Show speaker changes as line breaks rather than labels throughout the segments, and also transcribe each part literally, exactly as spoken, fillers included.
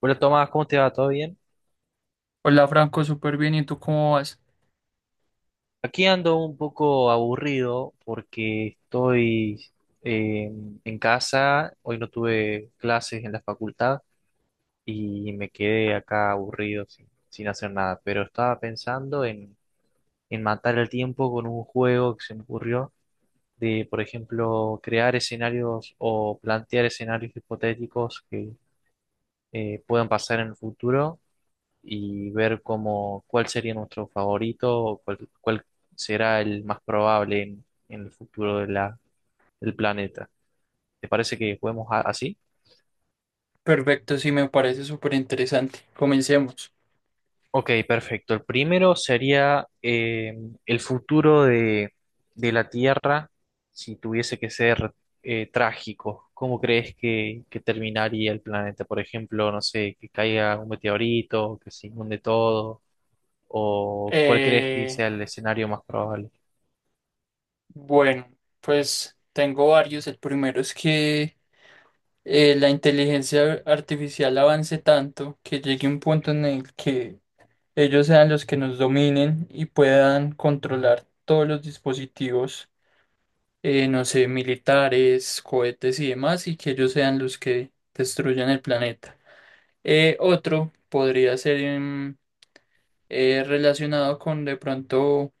Hola Tomás, ¿cómo te va? ¿Todo bien?
Hola Franco, súper bien. ¿Y tú cómo vas?
Aquí ando un poco aburrido porque estoy eh, en casa. Hoy no tuve clases en la facultad y me quedé acá aburrido sin, sin hacer nada, pero estaba pensando en, en matar el tiempo con un juego que se me ocurrió de, por ejemplo, crear escenarios o plantear escenarios hipotéticos que eh, puedan pasar en el futuro, y ver cómo, cuál sería nuestro favorito, o cuál, cuál será el más probable en, en el futuro de la, del planeta. ¿Te parece que juguemos a- así?
Perfecto, sí, me parece súper interesante. Comencemos.
Ok, perfecto. El primero sería eh, el futuro de, de la Tierra, si tuviese que ser eh, trágico. ¿Cómo crees que, que terminaría el planeta? Por ejemplo, no sé, que caiga un meteorito, que se inunde todo, o ¿cuál crees que
Eh,
sea el escenario más probable?
bueno, pues tengo varios. El primero es que eh, la inteligencia artificial avance tanto que llegue un punto en el que ellos sean los que nos dominen y puedan controlar todos los dispositivos, eh, no sé, militares, cohetes y demás, y que ellos sean los que destruyan el planeta. Eh, otro podría ser... em, eh, relacionado con de pronto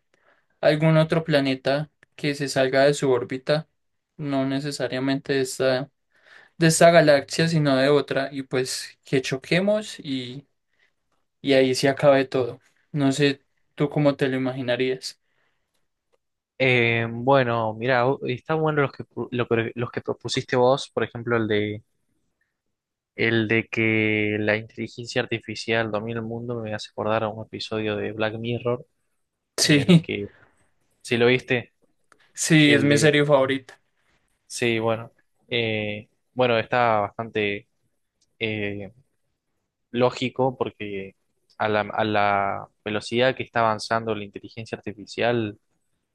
algún otro planeta que se salga de su órbita, no necesariamente de esta, de esta galaxia, sino de otra, y pues que choquemos y, y ahí se acabe todo. No sé tú cómo te lo imaginarías.
Eh, bueno, mira, está bueno los que, pu- lo que- los que propusiste vos. Por ejemplo, el de, el de que la inteligencia artificial domina el mundo me hace acordar a un episodio de Black Mirror en el
Sí,
que, si lo viste,
sí, es
el
mi
de,
serie favorita.
sí, bueno, eh, bueno, está bastante eh, lógico, porque a la, a la velocidad que está avanzando la inteligencia artificial,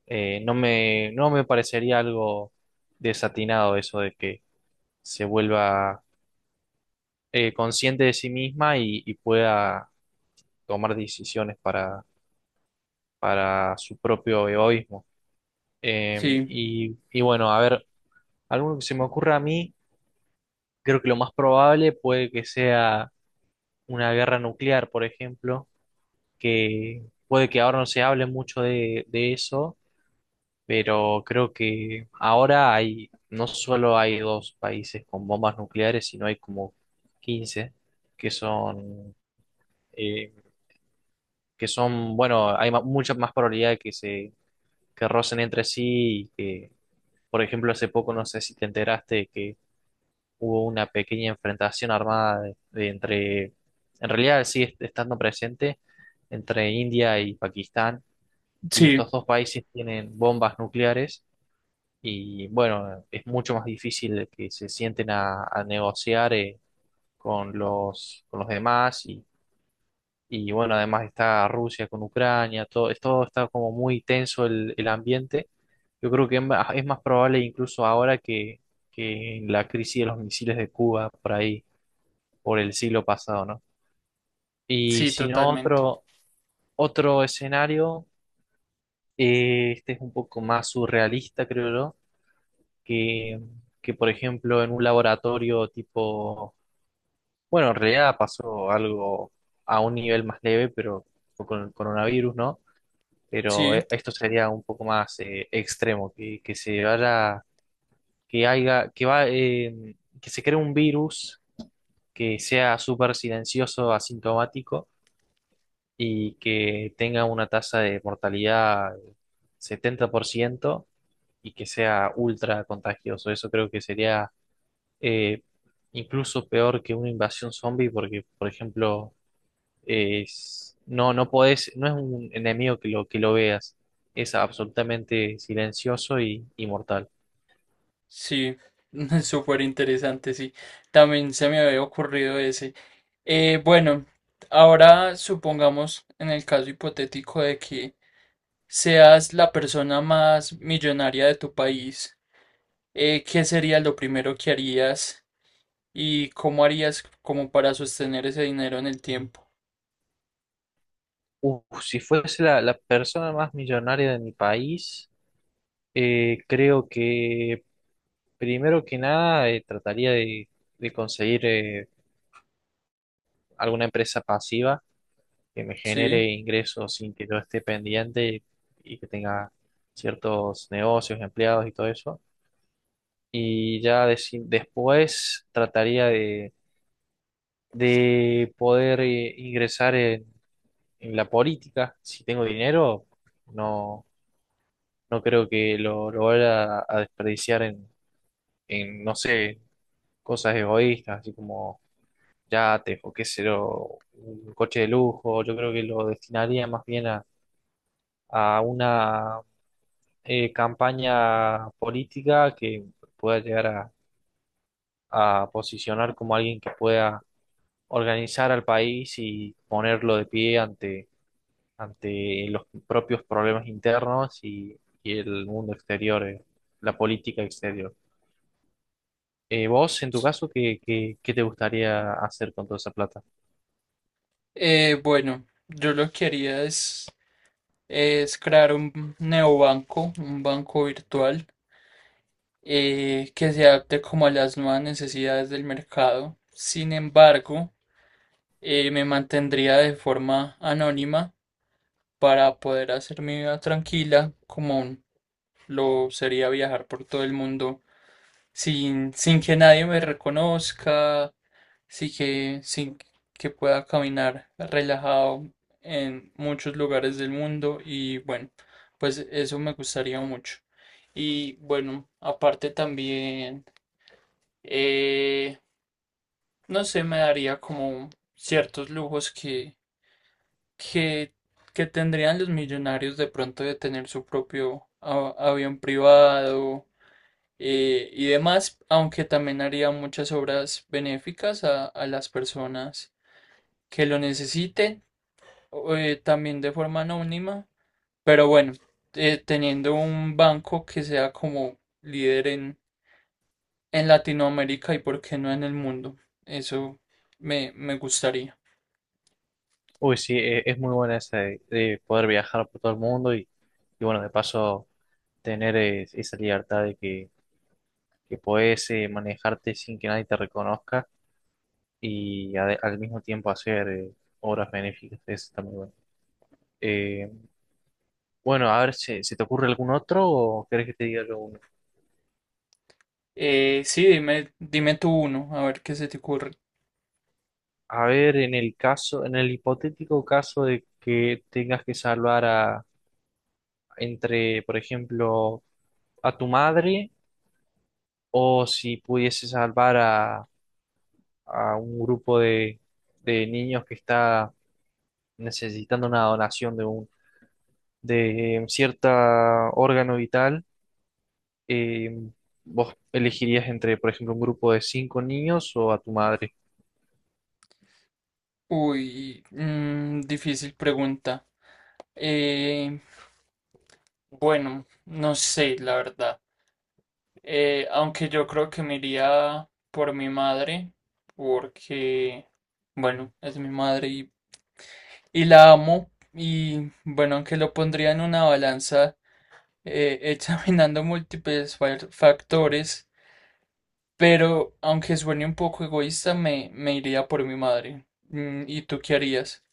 eh, no me, no me parecería algo desatinado eso de que se vuelva eh, consciente de sí misma y, y pueda tomar decisiones para, para su propio egoísmo. Eh,
Sí,
y, y bueno, a ver, algo que se me ocurra a mí, creo que lo más probable puede que sea una guerra nuclear, por ejemplo. Que puede que ahora no se hable mucho de, de eso, pero creo que ahora hay, no solo hay dos países con bombas nucleares, sino hay como quince, que son eh, que son, bueno, hay ma- mucha más probabilidad de que se que rocen entre sí. Y que, por ejemplo, hace poco, no sé si te enteraste que hubo una pequeña enfrentación armada de- de entre, en realidad sigue est- estando presente, entre India y Pakistán, y
sí,
estos dos países tienen bombas nucleares, y, bueno, es mucho más difícil que se sienten a, a negociar eh, con los, con los demás. Y bueno, además está Rusia con Ucrania. Todo, es- todo está como muy tenso el, el ambiente. Yo creo que es más es más probable incluso ahora que, que la crisis de los misiles de Cuba por ahí, por el siglo pasado, ¿no? Y
sí,
si no,
totalmente.
otro, otro escenario. Eh, este es un poco más surrealista, creo yo, que, que por ejemplo, en un laboratorio tipo, bueno, en realidad pasó algo a un nivel más leve, pero con el coronavirus, ¿no? Pero
Sí,
eh, esto sería un poco más eh, extremo. Que, que se vaya, que haya, que va, eh, Que se cree un virus que sea súper silencioso, asintomático, y que tenga una tasa de mortalidad setenta por ciento y que sea ultra contagioso. Eso creo que sería eh, incluso peor que una invasión zombie, porque, por ejemplo, es- no, no podés, no es un enemigo que lo, que lo veas. Es absolutamente silencioso y, y mortal.
sí, súper interesante, sí. También se me había ocurrido ese. Eh, bueno, ahora supongamos en el caso hipotético de que seas la persona más millonaria de tu país. Eh, ¿qué sería lo primero que harías y cómo harías como para sostener ese dinero en el tiempo?
Uf, si fuese la, la persona más millonaria de mi país, eh, creo que primero que nada eh, trataría de, de conseguir eh, alguna empresa pasiva que me
Sí.
genere ingresos sin que yo esté pendiente, y que tenga ciertos negocios, empleados y todo eso. Y ya deci- después trataría de de poder eh, ingresar en, en la política. Si tengo dinero, no, no creo que lo, lo vaya a desperdiciar en, en, no sé, cosas egoístas, así como yates, o qué sé yo, un coche de lujo. Yo creo que lo destinaría más bien a, a una eh, campaña política, que pueda llegar a, a posicionar como alguien que pueda organizar al país y ponerlo de pie ante ante los propios problemas internos y, y el mundo exterior, eh, la política exterior. Eh, vos, en tu caso, ¿qué, qué, qué te gustaría hacer con toda esa plata?
Eh, bueno, yo lo que haría es, es crear un neobanco, un banco virtual eh, que se adapte como a las nuevas necesidades del mercado. Sin embargo, eh, me mantendría de forma anónima para poder hacer mi vida tranquila, como lo sería viajar por todo el mundo sin, sin que nadie me reconozca, sin que, sin que pueda caminar relajado en muchos lugares del mundo y bueno, pues eso me gustaría mucho. Y bueno, aparte también, eh, no sé, me daría como ciertos lujos que que, que tendrían los millonarios de pronto de tener su propio a- avión privado eh, y demás, aunque también haría muchas obras benéficas a, a las personas que lo necesiten, o, eh, también de forma anónima, pero bueno, eh, teniendo un banco que sea como líder en, en Latinoamérica y por qué no en el mundo, eso me, me gustaría.
Uy, sí, eh, es muy buena esa de, de poder viajar por todo el mundo, y, y bueno, de paso, tener eh, esa libertad de que, que podés eh, manejarte sin que nadie te reconozca, y ade- al mismo tiempo hacer eh, obras benéficas. Eso está muy bueno. Eh, bueno, a ver si se te ocurre algún otro, o querés que te diga alguno.
Eh, sí, dime, dime tú uno, a ver qué se te ocurre.
A ver, en el caso, en el hipotético caso de que tengas que salvar a, entre, por ejemplo, a tu madre, o si pudiese salvar a, a un grupo de, de niños que está necesitando una donación de un, de eh, cierta órgano vital, eh, ¿vos elegirías entre, por ejemplo, un grupo de cinco niños o a tu madre?
Uy, mm, difícil pregunta. Eh, bueno, no sé, la verdad. Eh, aunque yo creo que me iría por mi madre, porque, bueno, es mi madre y, y la amo. Y bueno, aunque lo pondría en una balanza, eh, examinando múltiples fa- factores, pero aunque suene un poco egoísta, me, me iría por mi madre. Mm, ¿y tú qué harías?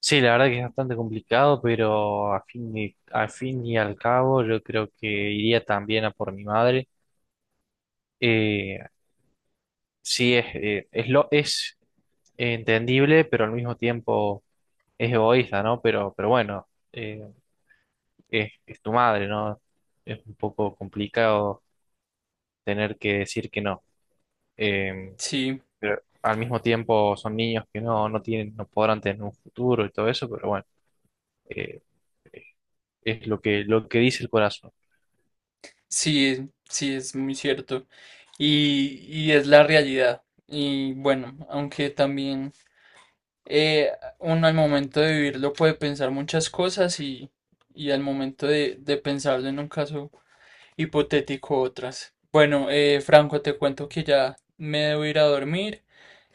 Sí, la verdad que es bastante complicado, pero a fin y, a fin y al cabo yo creo que iría también a por mi madre. Eh, sí, es, eh, es, lo, es entendible, pero al mismo tiempo es egoísta, ¿no? Pero, pero bueno, eh, es, es tu madre, ¿no? Es un poco complicado tener que decir que no. Eh,
Sí,
pero al mismo tiempo son niños que no, no tienen, no podrán tener un futuro y todo eso, pero bueno, eh, es lo que, lo que dice el corazón.
sí, es- sí, es muy cierto. Y, y es la realidad. Y bueno, aunque también eh, uno al momento de vivirlo puede pensar muchas cosas y, y al momento de, de pensarlo en un caso hipotético otras. Bueno, eh, Franco, te cuento que ya me debo ir a dormir.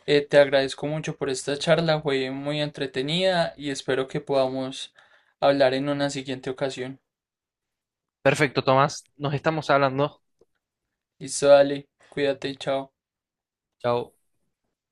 Eh, te agradezco mucho por esta charla, fue muy entretenida y espero que podamos hablar en una siguiente ocasión.
Perfecto, Tomás. Nos estamos hablando.
Listo, dale, cuídate, chao.
Chao.